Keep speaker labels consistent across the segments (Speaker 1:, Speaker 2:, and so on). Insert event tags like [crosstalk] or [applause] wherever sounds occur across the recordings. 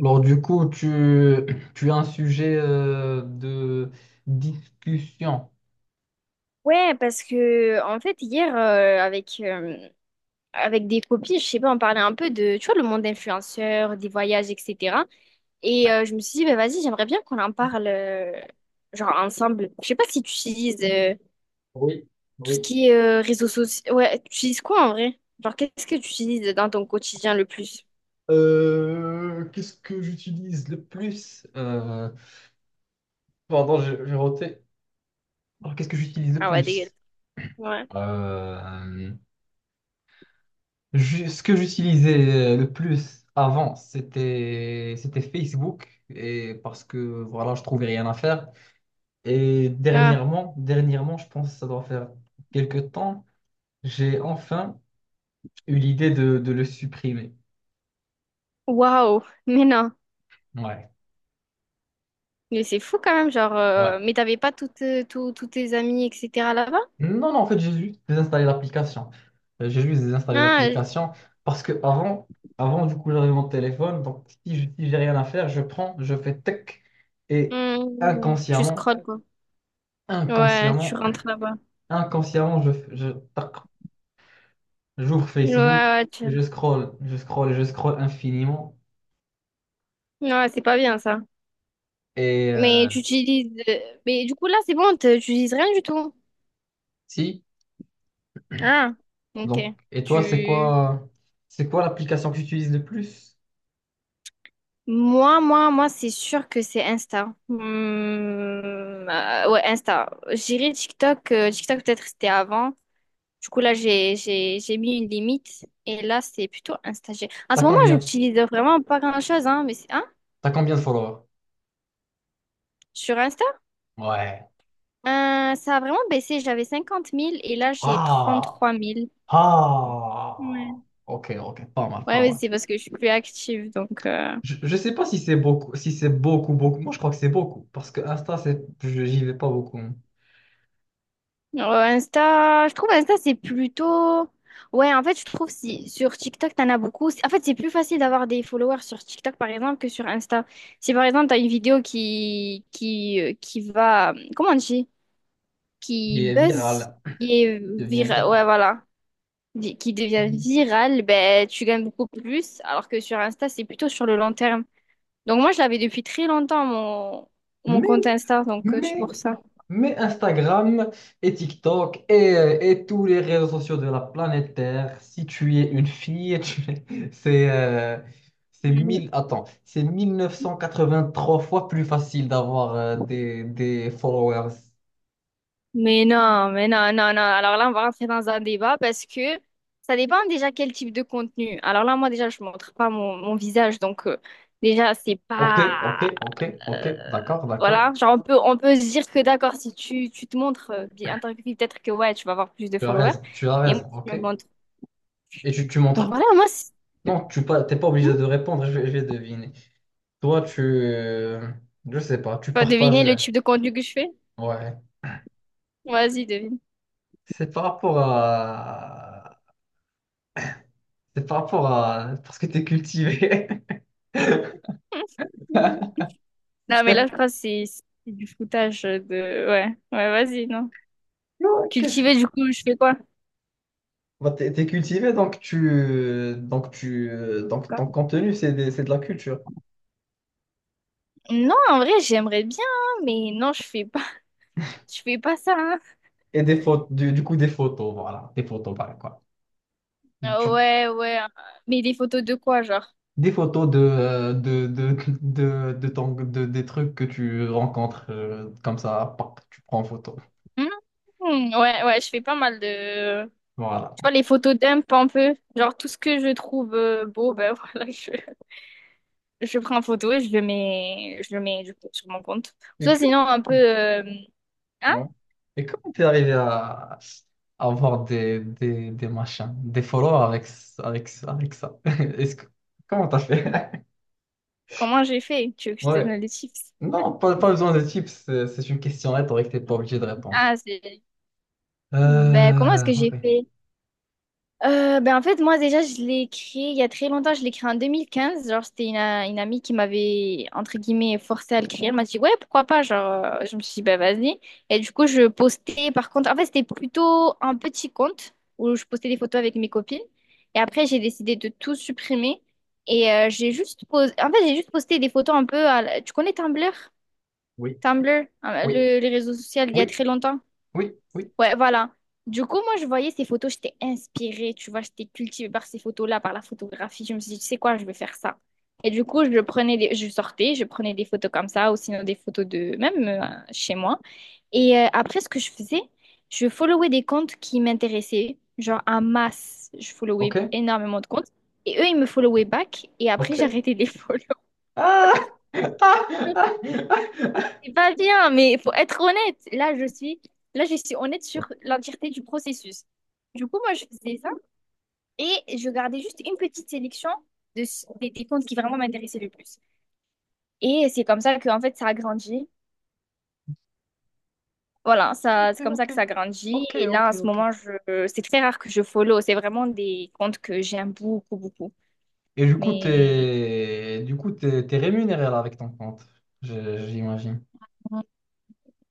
Speaker 1: Alors du coup, tu as un sujet de discussion.
Speaker 2: Ouais, parce que en fait hier avec avec des copines, je sais pas, on parlait un peu de tu vois le monde influenceur, des voyages, etc. Et
Speaker 1: Ouais.
Speaker 2: je me suis dit bah vas-y, j'aimerais bien qu'on en parle genre ensemble. Je sais pas si tu utilises
Speaker 1: Oui,
Speaker 2: tout ce
Speaker 1: oui.
Speaker 2: qui est réseaux sociaux. Ouais, tu utilises quoi en vrai? Genre qu'est-ce que tu utilises dans ton quotidien le plus?
Speaker 1: Qu'est-ce que j'utilise le plus? Pardon, j'ai roté. Alors qu'est-ce que j'utilise le
Speaker 2: Ah ouais, dégueulasse.
Speaker 1: plus?
Speaker 2: Ouais.
Speaker 1: Euh, ce que j'utilisais le plus avant, c'était Facebook et parce que voilà, je trouvais rien à faire. Et
Speaker 2: Ah,
Speaker 1: dernièrement, je pense que ça doit faire quelques temps, j'ai enfin eu l'idée de le supprimer.
Speaker 2: waouh. Mais non.
Speaker 1: Ouais,
Speaker 2: Mais c'est fou quand même, genre
Speaker 1: ouais.
Speaker 2: mais t'avais pas toutes tous tes amis etc. là-bas?
Speaker 1: Non, non, en fait, j'ai juste désinstallé l'application. J'ai juste désinstallé
Speaker 2: Ah.
Speaker 1: l'application parce que avant, avant du coup, j'avais mon téléphone. Donc, si j'ai rien à faire, je prends, je fais tech et
Speaker 2: Hmm, tu
Speaker 1: inconsciemment,
Speaker 2: scrolles, quoi. Ouais, tu
Speaker 1: inconsciemment,
Speaker 2: rentres là-bas.
Speaker 1: inconsciemment, je, tac, j'ouvre
Speaker 2: Ouais,
Speaker 1: Facebook
Speaker 2: ouais, tu-
Speaker 1: et je scroll et je scroll infiniment.
Speaker 2: ouais, c'est pas bien, ça.
Speaker 1: Et
Speaker 2: Mais du coup, là, c'est bon, tu utilises rien du tout.
Speaker 1: si,
Speaker 2: Ah,
Speaker 1: donc,
Speaker 2: ok.
Speaker 1: et toi,
Speaker 2: Tu...
Speaker 1: c'est quoi l'application que tu utilises le plus?
Speaker 2: Moi, moi, c'est sûr que c'est Insta. Mmh, ouais, Insta. J'irai TikTok. TikTok, peut-être, c'était avant. Du coup, là, j'ai mis une limite. Et là, c'est plutôt Insta. En
Speaker 1: T'as
Speaker 2: ce moment,
Speaker 1: combien?
Speaker 2: j'utilise vraiment pas grand-chose, hein, mais c'est... Hein?
Speaker 1: T'as combien de followers?
Speaker 2: Sur Insta?
Speaker 1: Ouais.
Speaker 2: Ça a vraiment baissé. J'avais 50 000 et là, j'ai
Speaker 1: Ah,
Speaker 2: 33 000.
Speaker 1: ah.
Speaker 2: Ouais.
Speaker 1: Ok, ok, pas mal,
Speaker 2: Ouais,
Speaker 1: pas
Speaker 2: mais
Speaker 1: mal.
Speaker 2: c'est parce que je suis plus active. Donc,
Speaker 1: Je sais pas si c'est beaucoup, si c'est beaucoup, beaucoup. Moi, je crois que c'est beaucoup parce que Insta, j'y vais pas beaucoup, hein.
Speaker 2: Insta, je trouve Insta, c'est plutôt. Ouais, en fait, je trouve si sur TikTok, t'en as beaucoup. En fait, c'est plus facile d'avoir des followers sur TikTok, par exemple, que sur Insta. Si, par exemple, t'as une vidéo qui va. Comment on dit? Qui
Speaker 1: Il est
Speaker 2: buzz,
Speaker 1: viral,
Speaker 2: qui est
Speaker 1: il devient
Speaker 2: virale. Ouais,
Speaker 1: viral.
Speaker 2: voilà. Qui devient virale, ben, tu gagnes beaucoup plus. Alors que sur Insta, c'est plutôt sur le long terme. Donc moi, je l'avais depuis très longtemps, mon
Speaker 1: Mais
Speaker 2: compte Insta, donc c'est
Speaker 1: Mais,
Speaker 2: pour ça.
Speaker 1: mais Instagram et TikTok et tous les réseaux sociaux de la planète Terre, si tu es une fille, [laughs] c'est
Speaker 2: Mm.
Speaker 1: mille, attends, c'est trois fois plus facile d'avoir des followers.
Speaker 2: Mais non, mais non, non. Alors là, on va rentrer dans un débat parce que ça dépend déjà quel type de contenu. Alors là, moi, déjà, je montre pas mon visage, donc déjà, c'est
Speaker 1: Ok,
Speaker 2: pas...
Speaker 1: ok, ok, ok,
Speaker 2: euh,
Speaker 1: d'accord, d'accord.
Speaker 2: voilà, genre on peut se dire que d'accord, si tu, tu te montres en tant que fille, peut-être que ouais, tu vas avoir plus de followers.
Speaker 1: Tu as
Speaker 2: Et moi,
Speaker 1: raison,
Speaker 2: je
Speaker 1: ok.
Speaker 2: me montre.
Speaker 1: Et tu
Speaker 2: Donc
Speaker 1: montres que...
Speaker 2: voilà,
Speaker 1: Non, tu pas, t'es pas
Speaker 2: Hmm.
Speaker 1: obligé de
Speaker 2: Tu
Speaker 1: répondre, je vais deviner. Toi, tu... euh, je sais pas, tu
Speaker 2: vas deviner
Speaker 1: partages...
Speaker 2: le type de contenu que je fais?
Speaker 1: Ouais.
Speaker 2: Vas-y, devine.
Speaker 1: C'est par rapport à. C'est par rapport à. Parce que t'es cultivé. [laughs]
Speaker 2: [laughs] Non, mais la phrase, c'est du foutage de... Ouais, ouais, vas-y, non.
Speaker 1: Non, qu'est-ce-
Speaker 2: Cultiver, du coup, je fais quoi?
Speaker 1: Bah, t'es cultivé, donc tu. Donc tu. Donc
Speaker 2: Quoi.
Speaker 1: ton contenu, c'est de la culture.
Speaker 2: Non, en vrai, j'aimerais bien, hein, mais non, je fais pas, [laughs] je fais pas ça, hein.
Speaker 1: Et des photos des photos, voilà. Des photos, pareil, quoi.
Speaker 2: Euh,
Speaker 1: Du-
Speaker 2: Ouais, ouais. euh, Mais des photos de quoi, genre?
Speaker 1: Des photos de, des trucs que tu rencontres comme ça, pop, tu prends en photo.
Speaker 2: Hmm, ouais, ouais, je fais pas mal de...
Speaker 1: Voilà.
Speaker 2: Tu vois, les photos dump un peu. Genre, tout ce que je trouve beau, ben [laughs] voilà, je prends en photo et je le mets du coup, sur mon compte. Soit
Speaker 1: D'accord.
Speaker 2: sinon, un peu... Hein?
Speaker 1: Ouais. Et comment t'es arrivé à avoir des machins, des followers avec, ce- avec, ce- avec ça? [laughs] Comment t'as fait?
Speaker 2: Comment j'ai fait? Tu veux
Speaker 1: [laughs]
Speaker 2: que je te
Speaker 1: Ouais.
Speaker 2: donne les chiffres?
Speaker 1: Non, pas besoin de tips, c'est une question rhétorique, t'es pas obligé de répondre.
Speaker 2: Ah, c'est... Ben, comment est-ce que
Speaker 1: Ok.
Speaker 2: j'ai fait? Ben, en fait, moi, déjà, je l'ai créé il y a très longtemps. Je l'ai créé en deux mille quinze. Genre, une amie qui m'avait, entre guillemets, forcé à le créer. Elle m'a dit, ouais, pourquoi pas? Genre, je me suis dit, ben, vas-y. Et du coup, je postais, par contre, en fait, c'était plutôt un petit compte où je postais des photos avec mes copines. Et après, j'ai décidé de tout supprimer. Et j'ai juste posé, en fait, j'ai juste posté des photos un peu à Tu connais Tumblr?
Speaker 1: Oui.
Speaker 2: Tumblr,
Speaker 1: Oui.
Speaker 2: le, les réseaux sociaux, il y a
Speaker 1: Oui.
Speaker 2: très longtemps.
Speaker 1: Oui. Oui.
Speaker 2: Ouais, voilà. Du coup, moi, je voyais ces photos, j'étais inspirée, tu vois, j'étais cultivée par ces photos-là, par la photographie. Je me suis dit, tu sais quoi, je vais faire ça. Et du coup, je prenais des... je sortais, je prenais des photos comme ça, ou sinon des photos de même chez moi. Et après, ce que je faisais, je followais des comptes qui m'intéressaient, genre en masse. Je followais
Speaker 1: Ok.
Speaker 2: énormément de comptes. Et eux, ils me followaient back, et après, [laughs]
Speaker 1: Ok.
Speaker 2: j'arrêtais de les follow.
Speaker 1: Ah! [laughs] Ah! Ah!
Speaker 2: C'est pas bien, mais il faut être honnête. Là, je suis honnête sur l'entièreté du processus. Du coup, moi, je faisais ça et je gardais juste une petite sélection des comptes qui vraiment m'intéressaient le plus. Et c'est comme ça que, en fait, ça a grandi. Voilà, ça, c'est comme ça
Speaker 1: Ok.
Speaker 2: que ça a grandi.
Speaker 1: Ok.
Speaker 2: Et là,
Speaker 1: Ok.
Speaker 2: en ce
Speaker 1: Ok.
Speaker 2: moment, c'est très rare que je follow. C'est vraiment des comptes que j'aime beaucoup, beaucoup.
Speaker 1: Et du coup,
Speaker 2: Mais
Speaker 1: t'es rémunéré là avec ton compte, j'imagine.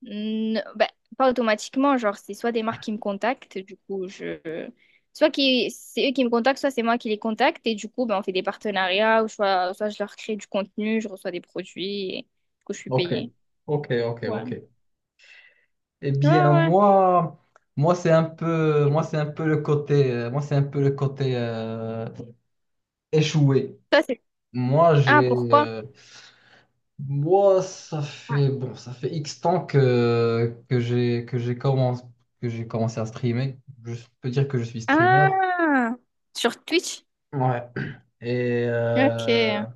Speaker 2: non, bah, pas automatiquement, genre c'est soit des marques qui me contactent, du coup je soit qui c'est eux qui me contactent, soit c'est moi qui les contacte et du coup ben on fait des partenariats ou soit je leur crée du contenu, je reçois des produits et du coup je suis
Speaker 1: Ok,
Speaker 2: payée.
Speaker 1: ok, ok,
Speaker 2: Ouais.
Speaker 1: ok. Eh
Speaker 2: Ouais,
Speaker 1: bien,
Speaker 2: ouais.
Speaker 1: moi, moi c'est un peu, moi c'est un peu le côté, moi c'est un peu le côté échoué.
Speaker 2: Ça c'est.
Speaker 1: Moi,
Speaker 2: Ah, pourquoi?
Speaker 1: moi, ça
Speaker 2: Ouais.
Speaker 1: fait bon, ça fait X temps que j'ai commencé, que j'ai commencé à streamer. Je peux dire que je suis streamer.
Speaker 2: Ah! Sur Twitch?
Speaker 1: Ouais. Et
Speaker 2: Ok.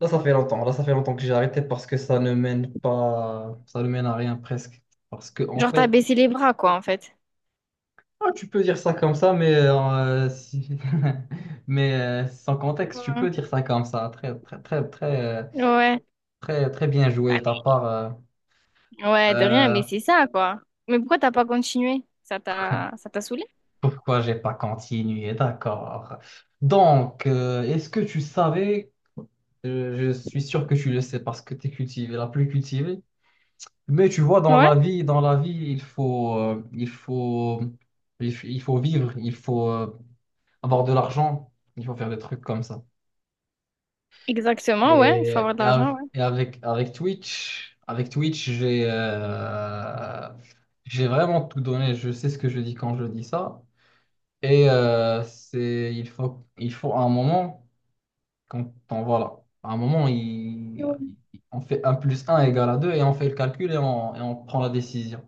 Speaker 1: là, ça fait longtemps. Là, ça fait longtemps que j'ai arrêté parce que ça ne mène pas, ça ne mène à rien presque. Parce que, en
Speaker 2: Genre t'as
Speaker 1: fait,
Speaker 2: baissé les bras quoi en fait.
Speaker 1: ah, tu peux dire ça comme ça, mais, [laughs] mais sans contexte, tu peux
Speaker 2: Ouais.
Speaker 1: dire ça comme ça. Très, très,
Speaker 2: Ouais.
Speaker 1: très bien joué de
Speaker 2: Ah,
Speaker 1: ta
Speaker 2: mais-
Speaker 1: part,
Speaker 2: Ouais, de rien,
Speaker 1: Euh,
Speaker 2: mais c'est ça quoi. Mais pourquoi t'as pas continué?
Speaker 1: [laughs]
Speaker 2: Ça t'a saoulé?
Speaker 1: pourquoi j'ai pas continué? D'accord. Donc, est-ce que tu savais, je suis sûr que tu le sais parce que tu es cultivé, la plus cultivée, mais tu vois, dans la vie, il faut, il faut vivre, il faut avoir de l'argent, il faut faire des trucs comme ça.
Speaker 2: Exactement, ouais, il faut
Speaker 1: Et,
Speaker 2: avoir de l'argent, ouais.
Speaker 1: et avec Twitch, j'ai vraiment tout donné. Je sais ce que je dis quand je dis ça. Et c'est, il faut un moment, quand on, voilà, à un moment, on fait un plus un égale à 2 et on fait le calcul et et on prend la décision.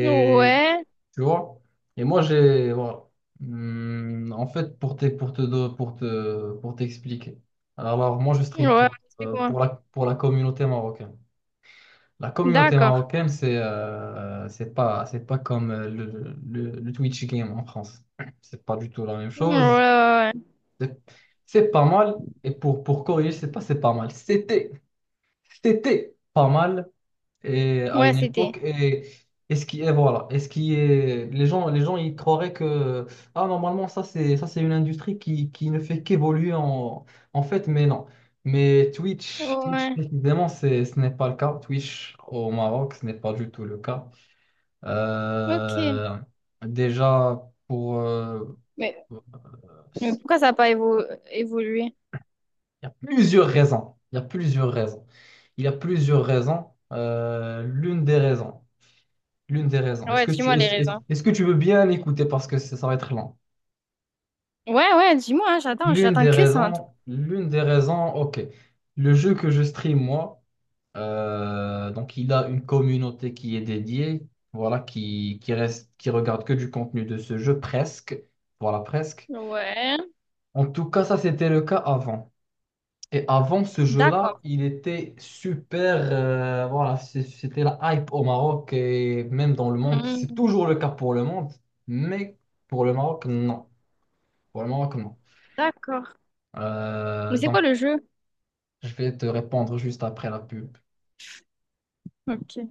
Speaker 2: Ouais, ouais,
Speaker 1: tu vois? Et moi, j'ai. Voilà. En fait, pour te, pour t'expliquer. Alors, moi, je stream
Speaker 2: ouais,
Speaker 1: pour,
Speaker 2: explique-moi.
Speaker 1: pour la communauté marocaine. La communauté
Speaker 2: D'accord.
Speaker 1: marocaine, c'est c'est pas comme le Twitch game en France. [clears throat] C'est pas du tout la même
Speaker 2: Ouais,
Speaker 1: chose.
Speaker 2: ouais,
Speaker 1: C'est c'est pas mal. Et pour corriger, c'est pas mal. C'était pas mal et
Speaker 2: ouais.
Speaker 1: à
Speaker 2: Ouais,
Speaker 1: une
Speaker 2: c'était.
Speaker 1: époque et ce qui est voilà et ce qui est les gens ils croiraient que ah normalement ça c'est une industrie qui ne fait qu'évoluer en fait mais non mais Twitch
Speaker 2: Ouais,
Speaker 1: précisément c'est ce n'est pas le cas Twitch au Maroc ce n'est pas du tout le cas.
Speaker 2: ok.
Speaker 1: Euh, déjà pour
Speaker 2: Mais,
Speaker 1: il
Speaker 2: mais pourquoi ça n'a pas évolué?
Speaker 1: il y a plusieurs raisons il y a plusieurs raisons. Euh, l'une des raisons L'une des raisons. Est-ce
Speaker 2: Ouais,
Speaker 1: que tu,
Speaker 2: dis-moi les raisons.
Speaker 1: est-ce que tu veux bien écouter parce que ça va être lent?
Speaker 2: Ouais, ouais, dis-moi, hein, j'attends que ça en tout
Speaker 1: L'une des raisons, ok. Le jeu que je stream, moi, donc il a une communauté qui est dédiée, voilà, qui reste, qui regarde que du contenu de ce jeu, presque. Voilà, presque.
Speaker 2: cas. Ouais,
Speaker 1: En tout cas, ça, c'était le cas avant. Et avant ce jeu-là,
Speaker 2: d'accord.
Speaker 1: il était super. C'était la hype au Maroc et même dans le monde. C'est
Speaker 2: Hmm,
Speaker 1: toujours le cas pour le monde, mais pour le Maroc, non. Pour le Maroc, non.
Speaker 2: d'accord. Mais c'est
Speaker 1: Donc,
Speaker 2: quoi le jeu?
Speaker 1: je vais te répondre juste après la pub.
Speaker 2: Ok.